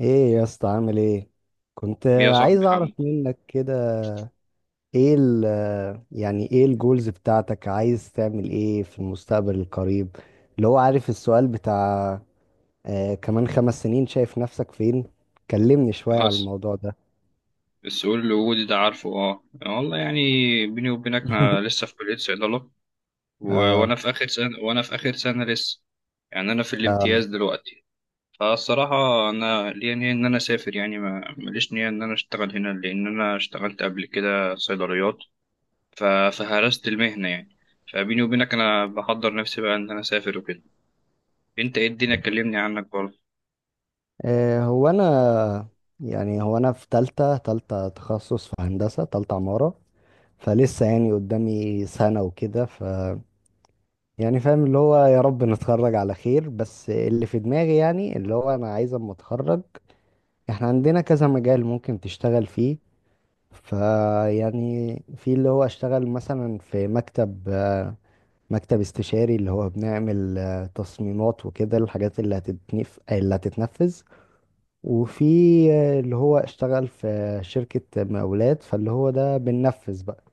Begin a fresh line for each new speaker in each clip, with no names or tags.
ايه يا اسطى، عامل ايه؟ كنت
يا
عايز
صاحبي
اعرف
حمد.
منك كده. ايه ال يعني ايه الجولز بتاعتك، عايز تعمل ايه في المستقبل القريب؟ اللي هو عارف، السؤال بتاع كمان 5 سنين شايف نفسك فين. كلمني شوية على
خلاص،
الموضوع ده.
السؤال الوجودي ده عارفه والله يعني بيني وبينك انا لسه في كلية صيدلة و... وانا
آه,
في اخر سنة لسه. يعني انا في
آه,
الامتياز دلوقتي. فالصراحة انا ليا نية ان انا اسافر، يعني ما ماليش نية ان انا اشتغل هنا لان انا اشتغلت قبل كده صيدليات، فهرست المهنة يعني. فبيني وبينك انا بحضر نفسي بقى ان انا اسافر وكده. انت ايه الدنيا؟ كلمني عنك برضه.
هو انا، يعني هو انا في تالتة، تالتة تخصص في هندسة، تالتة عمارة. فلسه يعني قدامي سنة وكده. يعني فاهم اللي هو يا رب نتخرج على خير، بس اللي في دماغي يعني اللي هو انا عايز اما اتخرج، احنا عندنا كذا مجال ممكن تشتغل فيه. فيعني في اللي هو اشتغل مثلا في مكتب استشاري اللي هو بنعمل تصميمات وكده، الحاجات اللي هتتنفذ. وفي اللي هو اشتغل في شركة مقاولات، فاللي هو ده بننفذ بقى.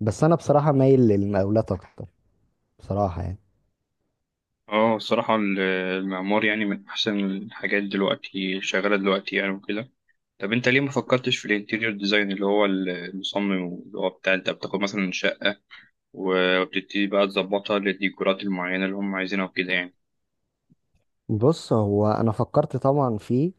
بس انا بصراحة مايل للمقاولات اكتر، بصراحة يعني.
اه الصراحة ال- المعمار يعني من أحسن الحاجات دلوقتي شغالة دلوقتي يعني وكده طب أنت ليه ما فكرتش في الانتيريور ديزاين اللي هو المصمم اللي هو بتاع أنت بتاخد مثلا شقة وبتبتدي بقى تظبطها للديكورات المعينة اللي هم عايزينها وكده يعني
بص هو انا فكرت طبعا فيه،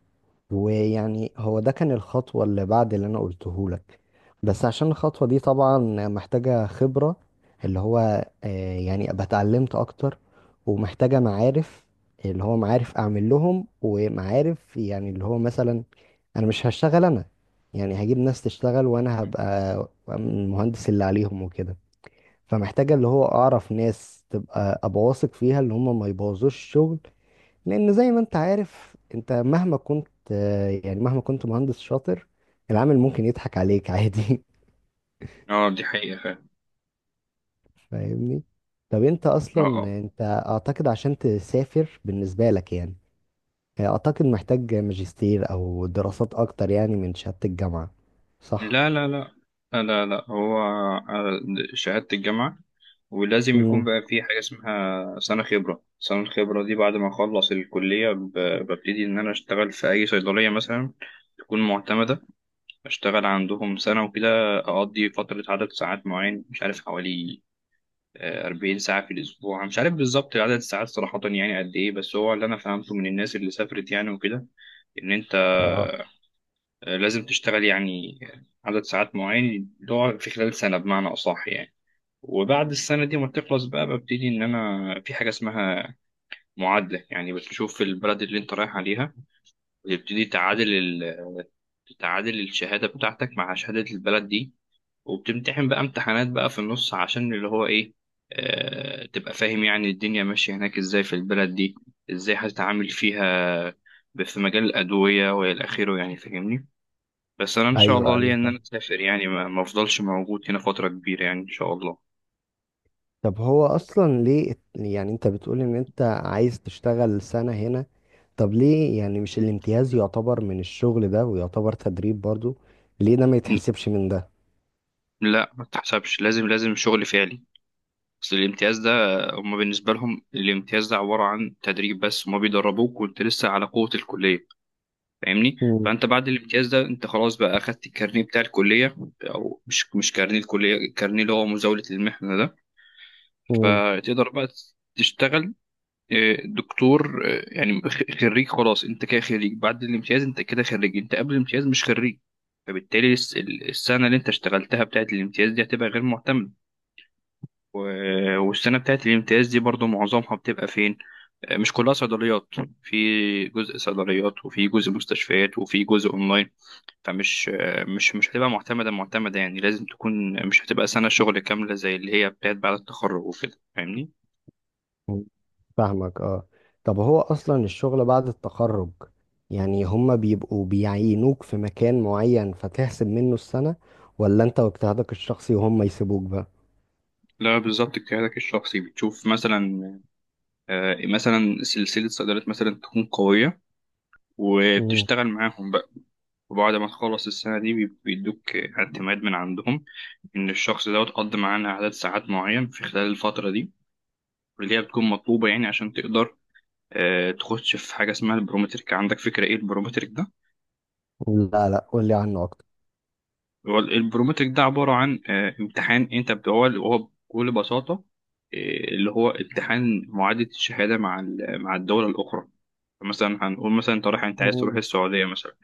ويعني هو ده كان الخطوة اللي بعد اللي انا قلته لك. بس عشان الخطوة دي طبعا محتاجة خبرة، اللي هو يعني ابقى اتعلمت اكتر، ومحتاجة معارف، اللي هو معارف اعمل لهم، ومعارف يعني اللي هو مثلا انا مش هشتغل انا، يعني هجيب ناس تشتغل وانا هبقى المهندس اللي عليهم وكده. فمحتاجة اللي هو اعرف ناس تبقى ابقى واثق فيها، اللي هم ما يبوظوش الشغل. لان زي ما انت عارف، انت مهما كنت مهندس شاطر، العامل ممكن يضحك عليك عادي.
اه، دي حقيقة فعلا.
فاهمني. طب انت اصلا
اه اه.
انت اعتقد عشان تسافر بالنسبة لك يعني اعتقد محتاج ماجستير او دراسات اكتر يعني من شهادة الجامعة، صح؟
لا لا لا، لا لا لا، هو شهادة الجامعة، ولازم يكون
امم
بقى في حاجة اسمها سنة خبرة. سنة الخبرة دي بعد ما أخلص الكلية ببتدي إن أنا أشتغل في أي صيدلية مثلا تكون معتمدة. بشتغل عندهم سنة وكده، أقضي فترة عدد ساعات معين، مش عارف حوالي 40 ساعة في الأسبوع، مش عارف بالظبط عدد الساعات صراحة يعني قد إيه، بس هو اللي أنا فهمته من الناس اللي سافرت يعني وكده، إن أنت
اه.
لازم تشتغل يعني عدد ساعات معين اللي هو في خلال سنة بمعنى أصح يعني. وبعد السنة دي ما تخلص بقى، ببتدي إن أنا في حاجة اسمها معادلة، يعني بتشوف البلد اللي أنت رايح عليها وتبتدي تعادل تعادل الشهادة بتاعتك مع شهادة البلد دي. وبتمتحن بقى امتحانات بقى في النص عشان اللي هو ايه، آه تبقى فاهم يعني الدنيا ماشية هناك ازاي في البلد دي، ازاي هتتعامل فيها في مجال الأدوية وإلى آخره، يعني فاهمني؟ بس أنا إن شاء
ايوه
الله ليا إن
ايوه.
أنا أسافر، يعني ما أفضلش موجود هنا فترة كبيرة يعني، إن شاء الله.
طب هو اصلا ليه انت بتقول ان انت عايز تشتغل سنة هنا، طب ليه يعني مش الامتياز يعتبر من الشغل ده ويعتبر تدريب برضو؟ ليه ده ما
ن-
يتحسبش من ده؟
لا ما تحسبش، لازم لازم شغل فعلي. أصل الامتياز ده، هما بالنسبة لهم الامتياز ده عبارة عن تدريب بس، هما بيدربوك وأنت لسه على قوة الكلية فاهمني.
مم.
فانت بعد الامتياز ده انت خلاص بقى اخدت الكارنيه بتاع الكليه، او مش كارنيه الكليه، الكارنيه اللي هو مزاوله المحنه ده.
مم.
فتقدر بقى تشتغل دكتور، يعني خريج. خلاص، انت كده خريج. بعد الامتياز انت كده خريج، انت قبل الامتياز مش خريج. فبالتالي السنه اللي انت اشتغلتها بتاعت الامتياز دي هتبقى غير معتمده. والسنه بتاعت الامتياز دي برضو معظمها بتبقى فين؟ مش كلها صيدليات. في جزء صيدليات وفي جزء مستشفيات وفي جزء اونلاين. فمش مش مش هتبقى معتمدة معتمدة يعني، لازم تكون. مش هتبقى سنة شغل كاملة زي اللي هي بتاعت بعد التخرج وكده، فاهمني؟
مم. فاهمك اه. طب هو اصلا الشغل بعد التخرج، يعني هما بيبقوا بيعينوك في مكان معين فتحسب منه السنة؟ ولا انت واجتهادك الشخصي وهم يسيبوك بقى؟
لا بالظبط، اجتهادك الشخصي. بتشوف مثلا مثلا سلسلة صيدلات مثلا تكون قوية
مم.
وبتشتغل معاهم بقى. وبعد ما تخلص السنة دي بيدوك اعتماد من عندهم إن الشخص ده قضى معانا عدد ساعات معين في خلال الفترة دي اللي هي بتكون مطلوبة يعني عشان تقدر تخش في حاجة اسمها البرومترك. عندك فكرة إيه البرومترك ده؟
لا لا، قولي عنه اكتر.
هو البرومتريك ده عبارة عن امتحان، انت هو بكل بساطة آه، اللي هو امتحان معادلة الشهادة مع مع الدولة الأخرى. مثلا هنقول مثلا انت رايح، انت عايز تروح
مم.
السعودية مثلا.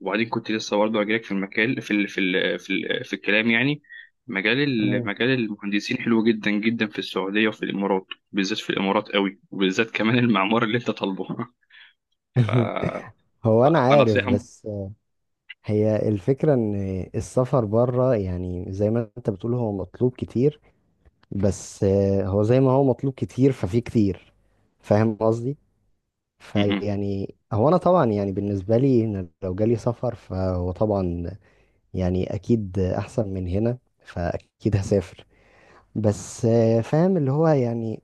وبعدين كنت لسه برضه هجيلك في المكان في الكلام يعني، مجال
مم.
مجال المهندسين حلو جدا جدا في السعودية وفي الإمارات، بالذات في الإمارات قوي، وبالذات كمان المعمار اللي انت طالبه ف-
هو انا عارف،
فنصيحة م-
بس هي الفكرة ان السفر بره يعني زي ما انت بتقول هو مطلوب كتير، بس هو زي ما هو مطلوب كتير ففي كتير، فاهم قصدي.
م-
فيعني هو انا طبعا يعني بالنسبة لي ان لو جالي سفر فهو طبعا يعني اكيد احسن من هنا فاكيد هسافر. بس فاهم اللي هو يعني،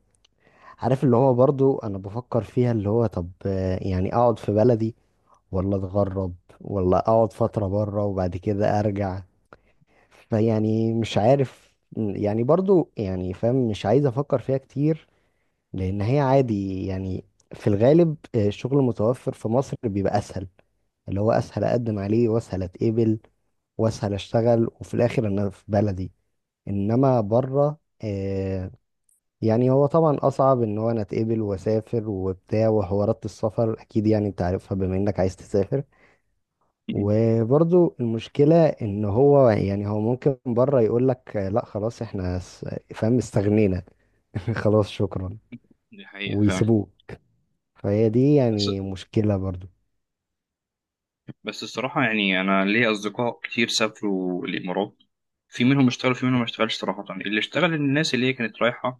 عارف اللي هو برضو انا بفكر فيها، اللي هو طب يعني اقعد في بلدي ولا اتغرب، ولا اقعد فترة بره وبعد كده ارجع؟ يعني مش عارف يعني، برضو يعني فاهم مش عايز افكر فيها كتير، لان هي عادي يعني. في الغالب الشغل المتوفر في مصر بيبقى اسهل، اللي هو اسهل اقدم عليه، واسهل اتقبل، واسهل اشتغل، وفي الاخر انا في بلدي. انما بره آه، يعني هو طبعا اصعب ان هو انا اتقبل واسافر وبتاع، وحوارات السفر اكيد يعني انت عارفها بما انك عايز تسافر.
م-
وبرضو المشكلة ان هو يعني هو ممكن بره يقول لك لا خلاص احنا فاهم، استغنينا. خلاص شكرا،
دي حقيقة
ويسيبوه. فهي دي
فعلا.
يعني مشكلة برضو.
بس الصراحة يعني أنا ليا أصدقاء كتير سافروا الإمارات. في منهم اشتغل، في منهم ما اشتغلش صراحة. اللي اشتغل الناس اللي هي كانت رايحة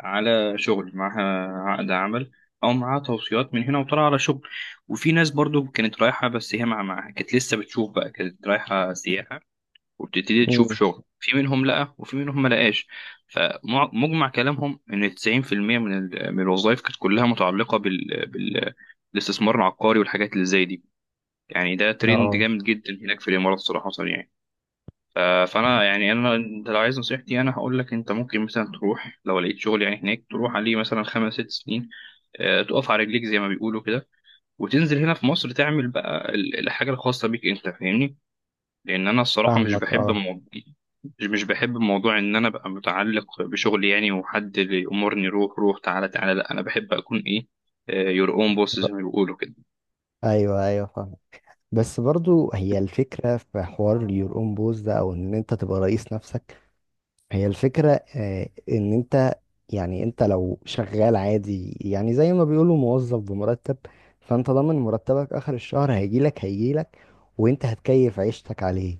على شغل، معاها عقد عمل، أو معاها توصيات من هنا وطالعة على شغل. وفي ناس برضو كانت رايحة بس هي معاها كانت لسه بتشوف بقى، كانت رايحة سياحة وبتبتدي تشوف
مم.
شغل، في منهم لقى وفي منهم ما لقاش. فمجمع كلامهم إن 90% من من الوظائف كانت كلها متعلقة بالاستثمار العقاري والحاجات اللي زي دي، يعني ده ترند
اه
جامد جدا هناك في الامارات صراحه يعني. ف- فانا يعني انا، انت لو عايز نصيحتي انا هقول لك انت ممكن مثلا تروح لو لقيت شغل يعني هناك، تروح عليه مثلا خمس ست سنين، تقف على رجليك زي ما بيقولوا كده، وتنزل هنا في مصر تعمل بقى الحاجه الخاصه بيك انت فاهمني. لان انا الصراحه مش
فاهمك
بحب
اه.
مو... مش مش بحب موضوع ان انا ابقى متعلق بشغلي، يعني وحد اللي يامرني روح روح تعالى تعالى. لا، انا بحب اكون ايه، يور اون بوس زي ما بيقولوا كده.
ايوه ايوه فاهم. بس برضو هي الفكرة في حوار your own boss ده، او ان انت تبقى رئيس نفسك. هي الفكرة ان انت يعني انت لو شغال عادي يعني زي ما بيقولوا موظف بمرتب، فانت ضامن مرتبك اخر الشهر هيجيلك، وانت هتكيف عيشتك عليه.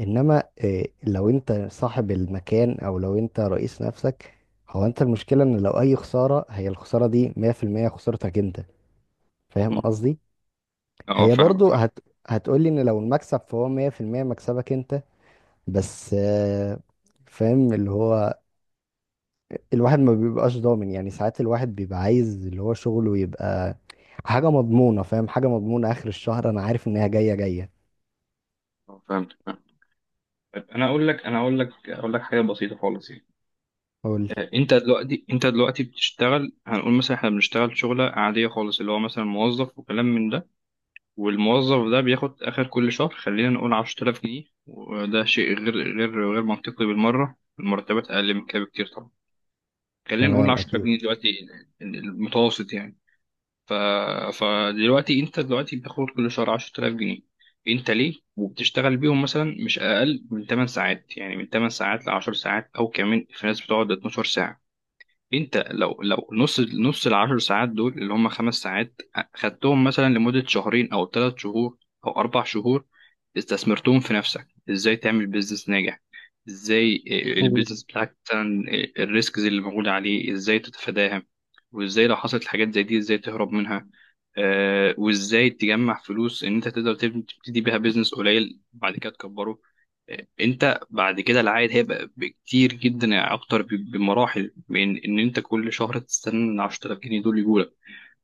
انما لو انت صاحب المكان او لو انت رئيس نفسك، هو انت المشكلة ان لو اي خسارة هي الخسارة دي 100% خسارتك انت، فاهم
م.
قصدي.
اه
هي
فاهمك
برضو
فاهمك.
هتقولي ان لو المكسب فهو 100% مكسبك انت، بس فاهم اللي هو الواحد ما بيبقاش ضامن، يعني ساعات الواحد بيبقى عايز اللي هو شغله يبقى حاجة مضمونة، فاهم حاجة مضمونة آخر الشهر أنا عارف إن هي جاية جاية.
فاهمك. طيب انا اقول لك، حاجه بسيطه خالص يعني.
قول لي.
انت دلوقتي بتشتغل. هنقول مثلا احنا بنشتغل شغله عاديه خالص، اللي هو مثلا موظف وكلام من ده. والموظف ده بياخد اخر كل شهر خلينا نقول 10000 جنيه، وده شيء غير منطقي بالمره، المرتبات اقل من كده بكتير طبعا. خلينا نقول
تمام
10000
أكيد.
جنيه دلوقتي، المتوسط يعني. ف... فدلوقتي انت دلوقتي بتاخد كل شهر 10000 جنيه. انت ليه وبتشتغل بيهم مثلا مش اقل من 8 ساعات، يعني من 8 ساعات ل 10 ساعات، او كمان في ناس بتقعد 12 ساعة. انت لو نص نص العشر ساعات دول اللي هم خمس ساعات، خدتهم مثلا لمدة شهرين او ثلاث شهور او اربع شهور، استثمرتهم في نفسك ازاي تعمل بيزنس ناجح، ازاي
مم.
البيزنس بتاعك مثلا، الريسكز اللي موجودة عليه ازاي تتفاداها، وازاي لو حصلت حاجات زي دي ازاي تهرب منها، وازاي تجمع فلوس ان انت تقدر تبتدي بيها بيزنس قليل بعد كده تكبره. انت بعد كده العائد هيبقى بكتير جدا يعني اكتر بمراحل من ان انت كل شهر تستنى ال 10000 جنيه دول يجولك.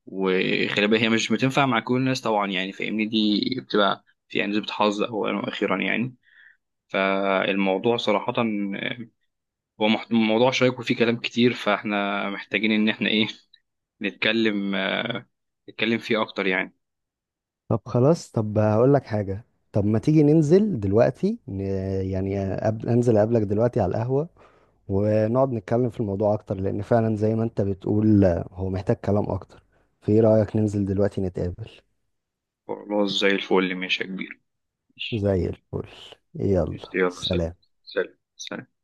وخلي بالك هي مش بتنفع مع كل الناس طبعا يعني فاهمني، دي بتبقى في يعني نسبة حظ اولا واخيرا يعني. فالموضوع صراحة هو موضوع شيق وفيه كلام كتير، فاحنا محتاجين ان احنا ايه، نتكلم فيه اكتر يعني.
طب خلاص، طب هقول لك حاجة. طب ما تيجي ننزل دلوقتي يعني أنزل أقابلك دلوقتي على القهوة، ونقعد نتكلم في الموضوع أكتر، لأن فعلا زي ما أنت بتقول هو محتاج كلام أكتر. فإيه رأيك ننزل دلوقتي نتقابل؟
خلاص زي الفل، ماشي يا كبير. ماشي.
زي الفل. يلا.
يلا سلام.
سلام.
سلام سلام.